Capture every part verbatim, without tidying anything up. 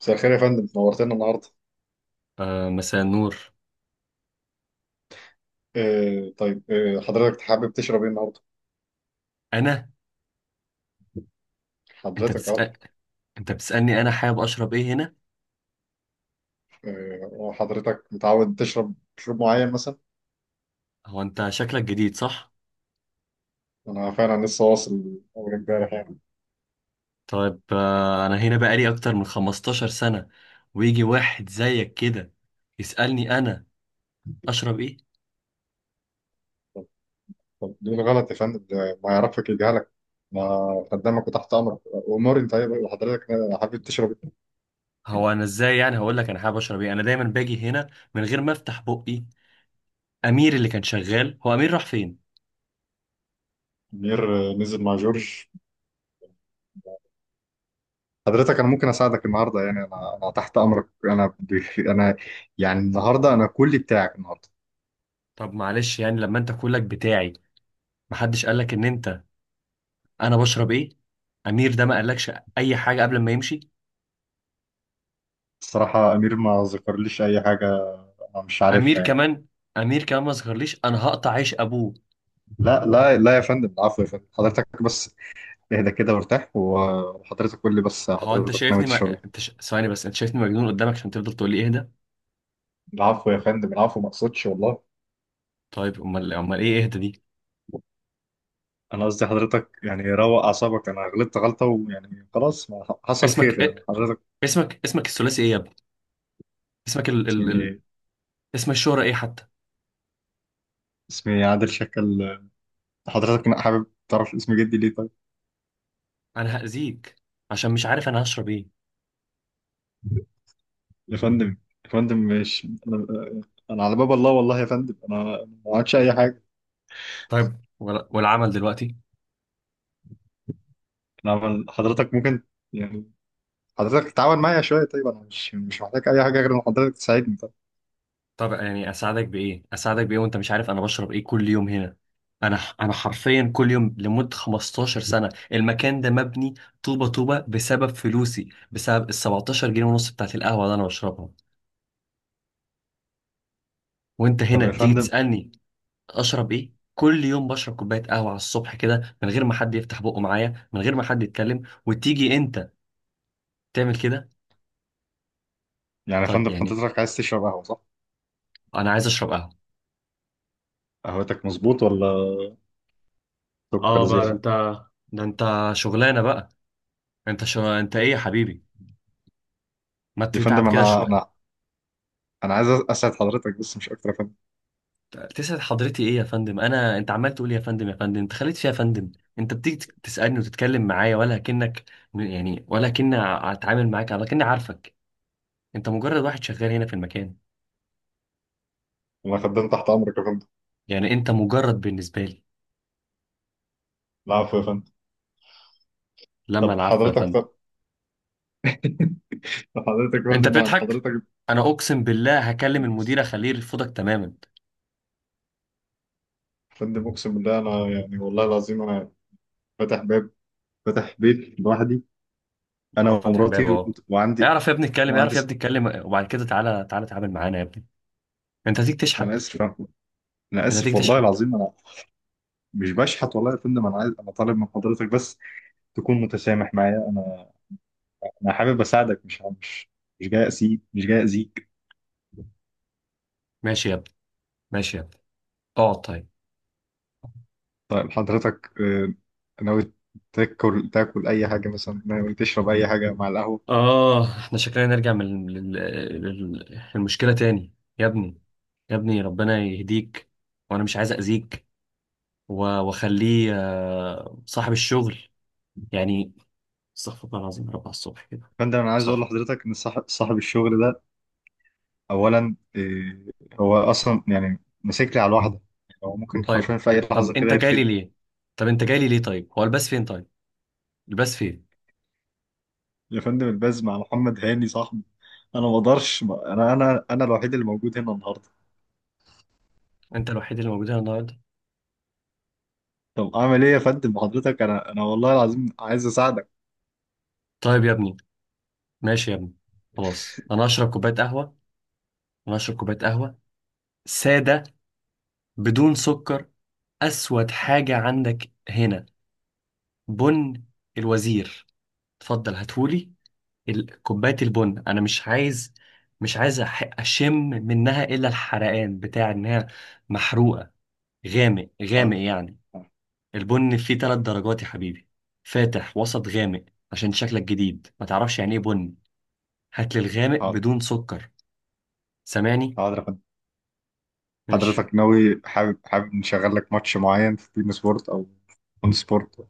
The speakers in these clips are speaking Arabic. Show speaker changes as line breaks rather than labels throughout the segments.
مساء الخير يا فندم، نورتنا النهارده.
آه، مساء النور.
آه طيب، آه حضرتك حابب تشرب ايه النهارده؟
انا. انت
حضرتك اهو.
بتسأل؟ انت بتسألني انا حابب اشرب ايه هنا؟
آه حضرتك متعود تشرب مشروب معين مثلا؟
هو انت شكلك جديد، صح؟
انا فعلا لسه واصل اول امبارح يعني.
طيب، آه انا هنا بقالي اكتر من 15 سنة، ويجي واحد زيك كده يسألني انا اشرب ايه؟
طب ليه غلط يا فندم؟ ده ما يعرفك يجهلك، ما خدامك وتحت امرك. اموري، انت طيب حضرتك؟ حابب تشرب ايه؟
هو انا ازاي يعني هقول لك انا حابب اشرب ايه؟ انا دايما باجي هنا من غير ما افتح بقي. امير اللي كان شغال، هو امير راح فين؟
منير، آه، نزل مع جورج. حضرتك انا ممكن اساعدك النهارده، يعني انا انا تحت امرك. انا انا يعني النهارده انا كلي بتاعك النهارده.
طب معلش، يعني لما انت كلك بتاعي، محدش قالك ان انت انا بشرب ايه؟ امير ده ما قالكش اي حاجة قبل ما يمشي؟
الصراحة أمير ما ذكرليش أي حاجة، أنا مش
امير
عارفها يعني.
كمان، امير كمان ما ظهرليش، انا هقطع عيش ابوه.
لا لا لا يا فندم، العفو يا فندم، حضرتك بس اهدى كده وارتاح، وحضرتك قول لي بس
هو انت
حضرتك ناوي
شايفني،
تشرب
ما...
إيه.
انت ش... ثواني بس، انت شايفني مجنون قدامك عشان تفضل تقول لي اهدى؟
العفو يا فندم، العفو، ما أقصدش والله.
طيب، امال امال ايه اهدى دي؟
أنا قصدي حضرتك يعني روق أعصابك، أنا غلطت غلطة، ويعني خلاص، ما حصل
اسمك
خير
إيه؟
يعني حضرتك.
اسمك اسمك الثلاثي ايه يا ابني؟ اسمك ال... ال...
اسمي
ال...
إيه؟
اسم الشهرة ايه حتى؟
اسمي عادل شكل. حضرتك حابب تعرف اسم جدي ليه طيب؟
انا هأذيك عشان مش عارف انا هشرب ايه.
يا فندم، يا فندم مش أنا. أنا على باب الله والله يا فندم، أنا أنا ما عملتش أي حاجة.
طيب، ولا... والعمل دلوقتي؟
نعم حضرتك، ممكن يعني حضرتك تتعاون معايا شوية طيب. أنا مش مش محتاج أي حاجة غير إن حضرتك تساعدني طب.
طب يعني اساعدك بايه، اساعدك بايه وانت مش عارف انا بشرب ايه كل يوم هنا؟ انا انا حرفيا كل يوم لمده 15 سنه، المكان ده مبني طوبه طوبه بسبب فلوسي، بسبب ال سبعتاشر جنيه ونص بتاعت القهوه اللي انا بشربها، وانت
طب
هنا
يا
تيجي
فندم،
تسالني اشرب ايه؟ كل يوم بشرب كوبايه قهوه على الصبح كده، من غير ما حد يفتح بقه معايا، من غير ما حد يتكلم، وتيجي انت تعمل كده؟
يعني يا
طب
فندم
يعني
حضرتك عايز تشرب قهوة صح؟
انا عايز اشرب قهوه.
قهوتك مظبوط ولا سكر
اه بقى، ده
زيادة؟
انت ده انت شغلانه بقى. انت شو... انت ايه يا حبيبي؟ ما
يا
تتعب
فندم،
كده
أنا
شويه.
أنا أنا عايز أسعد حضرتك، بس مش أكتر يا فندم.
تسعد حضرتي ايه يا فندم؟ انا انت عمال تقول إيه يا فندم، يا فندم، انت خليت فيها يا فندم. انت بتيجي تك- تسالني وتتكلم معايا ولا كأنك، يعني ولا كأني اتعامل معاك، ولا كأني عارفك. انت مجرد واحد شغال هنا في المكان،
أنا خدام تحت أمرك يا فندم.
يعني انت مجرد بالنسبه لي.
العفو يا فندم.
لما
طب
العفو يا
حضرتك،
فندم؟
طب طب حضرتك يا
انت
فندم يعني
بتضحك؟
حضرتك،
انا اقسم بالله هكلم
يا
المدير اخليه يرفضك تماما.
فندم أقسم بالله، أنا يعني والله العظيم أنا فاتح باب، فاتح بيت لوحدي، أنا
اه، فتح الباب،
ومراتي،
اه.
وعندي،
اعرف يا ابني اتكلم، اعرف
وعندي.
يا ابني اتكلم، وبعد كده تعالى تعالى تعامل معانا يا ابني. انت هتيجي
أنا
تشحت؟
آسف، انا
انت هتيجي
اسف والله
تشحت؟
العظيم انا مش بشحت والله يا فندم. انا عايز انا طالب من حضرتك بس تكون متسامح معايا. انا انا حابب اساعدك، مش مش مش جاي اسيب مش جاي اذيك.
ماشي يا ابني، ماشي يا ابني، اقعد طيب.
طيب حضرتك، آه، ناوي تاكل تاكل اي حاجه مثلا؟ ناوي تشرب اي حاجه مع القهوه؟
آه، إحنا شكلنا نرجع من لل- لل- للمشكلة تاني. يا ابني، يا ابني ربنا يهديك، وأنا مش عايز أذيك، و- وأخليه، آه، صاحب الشغل يعني. استغفر الله العظيم يا رب على الصبح كده.
يا فندم انا عايز اقول
استغفر الله.
لحضرتك ان صاحب صاحب الشغل ده، اولا آه، هو اصلا يعني ماسك لي على الواحده. يعني هو ممكن
طيب،
حرفيا في اي لحظه
طب
كده
أنت جاي لي
يرفدني.
ليه؟ طب أنت جاي لي ليه طيب؟ هو الباس فين طيب؟ الباس فين؟
يا فندم الباز مع محمد هاني صاحبي. انا ما اقدرش، انا انا انا الوحيد اللي موجود هنا النهارده.
أنت الوحيد اللي موجود هنا النهاردة؟
طب اعمل ايه يا فندم؟ حضرتك، انا انا والله العظيم عايز اساعدك.
طيب يا ابني، ماشي يا ابني، خلاص أنا هشرب كوباية قهوة. أنا هشرب كوباية قهوة سادة، بدون سكر. أسود، حاجة عندك هنا؟ بن الوزير. اتفضل هاتهولي. ال- كوباية البن انا مش عايز، مش عايز أح- اشم منها الا الحرقان بتاع انها محروقة. غامق غامق
حاضر،
يعني. البن فيه ثلاث درجات يا حبيبي: فاتح، وسط، غامق. عشان شكلك جديد ما تعرفش يعني ايه بن. هات لي الغامق
حاضر،
بدون سكر. سامعني؟
حاضر يا فندم.
ماشي.
حضرتك ناوي، حابب حابب نشغل لك ماتش معين في بين سبورت او اون سبورت؟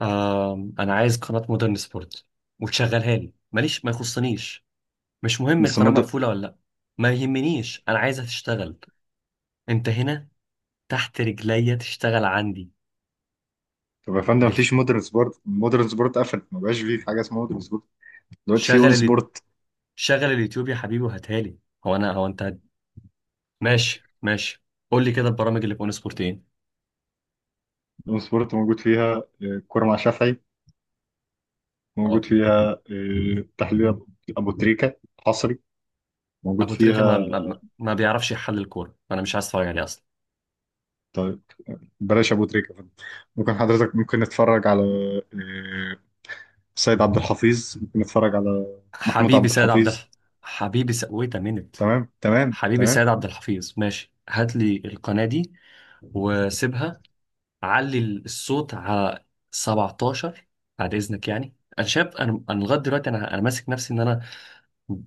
آه، انا عايز قناة مودرن سبورت، وتشغلها لي، ماليش ما يخصنيش. مش مهم
بس
القناة
مود
مقفولة ولا لا، ما يهمنيش، انا عايزها تشتغل. انت هنا تحت رجليا تشتغل عندي.
طب يا فندم،
بال...
مفيش مودرن سبورت. مودرن سبورت قفل، ما بقاش فيه حاجه اسمها مودرن سبورت. دلوقتي في اون
شغل ال...
سبورت.
شغل اليوتيوب يا حبيبي وهاتها لي. هو انا هو انت هت- ماشي ماشي. قول لي كده البرامج اللي في اون سبورت ايه؟
اون سبورت موجود فيها آه، كوره مع شافعي، موجود
اه.
فيها آه، تحليل أبو أبو تريكه حصري، موجود
ابو تريكه ما...
فيها.
ما... ما بيعرفش يحلل الكوره، فانا مش عايز اتفرج عليه اصلا.
طيب بلاش ابو تريكه يا فندم. ممكن حضرتك، ممكن نتفرج على آه، سيد عبد الحفيظ؟ ممكن اتفرج على محمود
حبيبي
عبد
سيد عبد
الحفيظ.
الح... حبيبي س... ويت مينت.
تمام، تمام،
حبيبي
تمام.
سيد عبد الحفيظ ماشي، هات لي القناه دي، وسيبها علي الصوت على سبعتاشر. بعد اذنك، يعني انا شاب، انا انا لغايه دلوقتي، انا انا ماسك نفسي ان انا،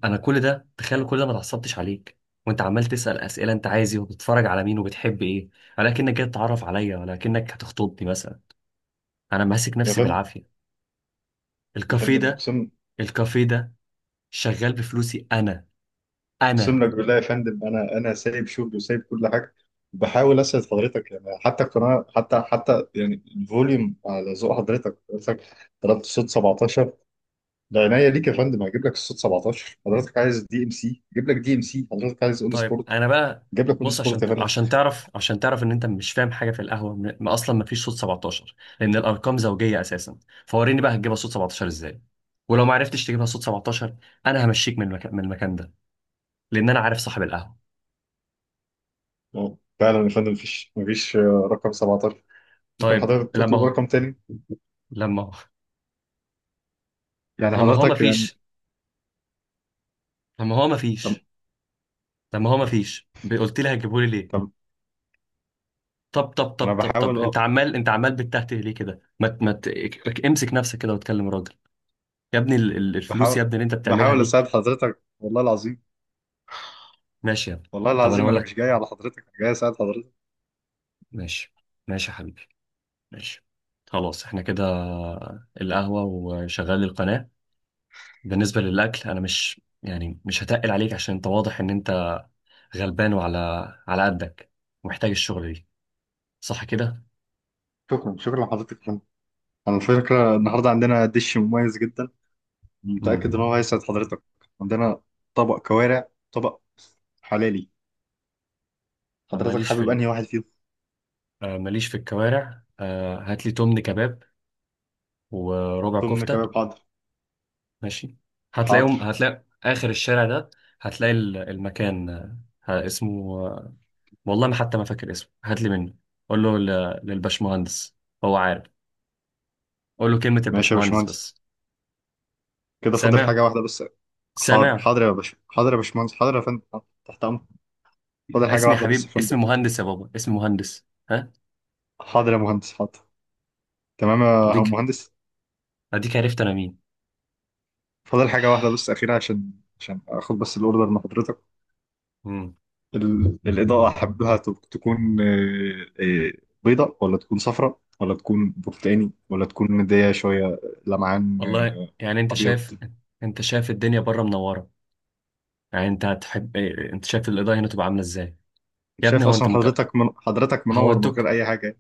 انا كل ده، تخيل، كل ده ما اتعصبتش عليك، وانت عمال تسال اسئله، انت عايز ايه، وبتتفرج على مين، وبتحب ايه، ولكنك جاي تتعرف عليا، ولكنك هتخطبني مثلا. انا ماسك
يا
نفسي
فندم،
بالعافيه.
يا
الكافيه
فندم
ده
اقسم
الكافيه ده شغال بفلوسي، انا. انا
اقسم لك بالله يا فندم، انا انا سايب شغلي وسايب كل حاجه، وبحاول اسعد حضرتك. يعني حتى القناه، حتى حتى يعني الفوليوم على ذوق حضرتك حضرتك طلبت صوت سبعتاشر، ده عينيا ليك يا فندم، هجيب لك الصوت سبعة عشر. حضرتك عايز دي ام سي، جيب لك دي ام سي. حضرتك عايز اون
طيب،
سبورت،
انا بقى،
جيب لك اون
بص،
سبورت
عشان
يا فندم.
عشان تعرف، عشان تعرف ان انت مش فاهم حاجه في القهوه، م- ما اصلا ما فيش صوت سبعتاشر، لان الارقام زوجيه اساسا. فوريني بقى، هتجيبها صوت سبعتاشر ازاي؟ ولو ما عرفتش تجيبها صوت سبعتاشر، انا همشيك من المكان من المكان ده، لان انا عارف صاحب القهوه.
آه، فعلا يا فندم، مفيش مفيش آه، رقم سبعة عشر. ممكن
طيب،
حضرتك تطلب
لما
رقم تاني
لما
يعني
لما هو ما
حضرتك.
فيش، لما هو ما
طب
فيش لما هو ما فيش قلت لي هتجيبهولي ليه؟
طب
طب طب طب
انا
طب طب
بحاول، أه،
انت عمال انت عمال بتتهته ليه كده؟ ما ت- ما ت- امسك نفسك كده واتكلم راجل. يا ابني ال- ال- الفلوس
بحاول
يا ابني اللي انت بتعملها
بحاول
دي.
اساعد حضرتك والله العظيم.
ماشي يا ابني.
والله
طب انا
العظيم،
اقول
انا مش
لك،
جاي على حضرتك، انا جاي اساعد حضرتك.
ماشي، ماشي يا حبيبي، ماشي. خلاص احنا كده، القهوة وشغال القناة. بالنسبة للأكل، أنا مش يعني مش هتقل عليك، عشان أنت واضح إن أنت غلبان، وعلى على قدك، ومحتاج الشغل دي. صح كده؟
شكرا، شكرا لحضرتك يا فندم. على فكره النهارده عندنا دش مميز جدا،
مم.
متاكد ان هو هيسعد حضرتك. عندنا طبق كوارع، طبق حلالي.
آه،
حضرتك
ماليش في
حابب
ال-
انهي واحد فيهم؟
آه، ماليش في الكوارع. آه، هات لي تمن كباب وربع
ضمن
كفتة.
كباب، حاضر.
ماشي.
حاضر،
هتلاقيهم هتلاقي آخر الشارع ده، هتلاقي ال- المكان، آه، ه- اسمه، آه، والله ما حتى ما فاكر اسمه، هات لي منه. قول له ل- للبشمهندس، هو عارف. قول له كلمة
ماشي يا
البشمهندس
باشمهندس.
بس.
كده فاضل
سامع؟
حاجه واحده بس. حاضر،
سامع؟
حاضر يا باشا، حاضر يا باشمهندس، حاضر يا فندم، حاضر. تحت امر. فاضل حاجه
اسمي يا
واحده بس
حبيب،
يا فندم.
اسمي مهندس يا بابا، اسمي مهندس، ها؟
حاضر يا مهندس، حاضر. تمام يا
اديك
مهندس.
اديك عرفت انا مين.
فاضل حاجة واحدة بس أخيرة، عشان عشان آخد بس الأوردر من حضرتك.
مم.
ال- الإضاءة أحبها تب- تكون، آه، آه، بيضاء، ولا تكون صفراء، ولا تكون برتقاني، ولا تكون مدية شوية لمعان،
والله
آه،
يعني، انت
أبيض.
شايف انت شايف الدنيا بره منورة، يعني انت هتحب ايه، انت شايف الايداين تبقى عامله ازاي؟ يا ابني،
شايف
هو انت
أصلا
مت...
حضرتك، من حضرتك منور من غير
هودك.
أي حاجة.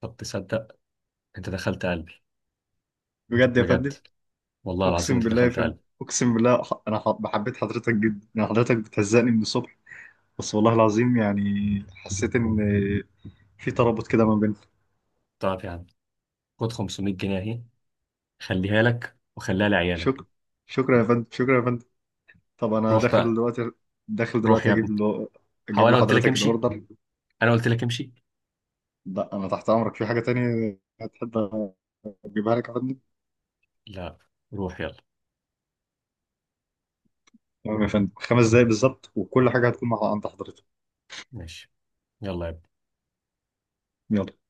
طب تصدق؟ انت دخلت قلبي.
بجد يا
بجد.
فندم.
والله العظيم
أقسم
انت
بالله يا
دخلت
فندم،
قلبي.
أقسم بالله، ح- أنا ح- بحبيت حضرتك جدا. يعني حضرتك بتهزقني من الصبح بس، والله العظيم يعني حسيت إن آه، في ترابط كده ما بيننا.
طب يا عم، خد خمسمية جنيه اهي، خليها لك وخليها لعيالك.
شكرا، شكرا يا فندم، شكرا يا فندم. طب انا
روح
داخل
بقى،
دلوقتي، داخل
روح
دلوقتي
يا
اجيب
ابني.
له
هو
اجيب
انا قلت لك
لحضرتك
امشي،
الاوردر.
انا قلت لك امشي.
لا، انا تحت امرك، في حاجه تانية هتحب اجيبها لك يا فندم؟
لا، روح يلا.
تمام يا فندم، خمس دقايق بالظبط وكل حاجه هتكون مع عند حضرتك.
ماشي، يلا يا ابني.
يلا.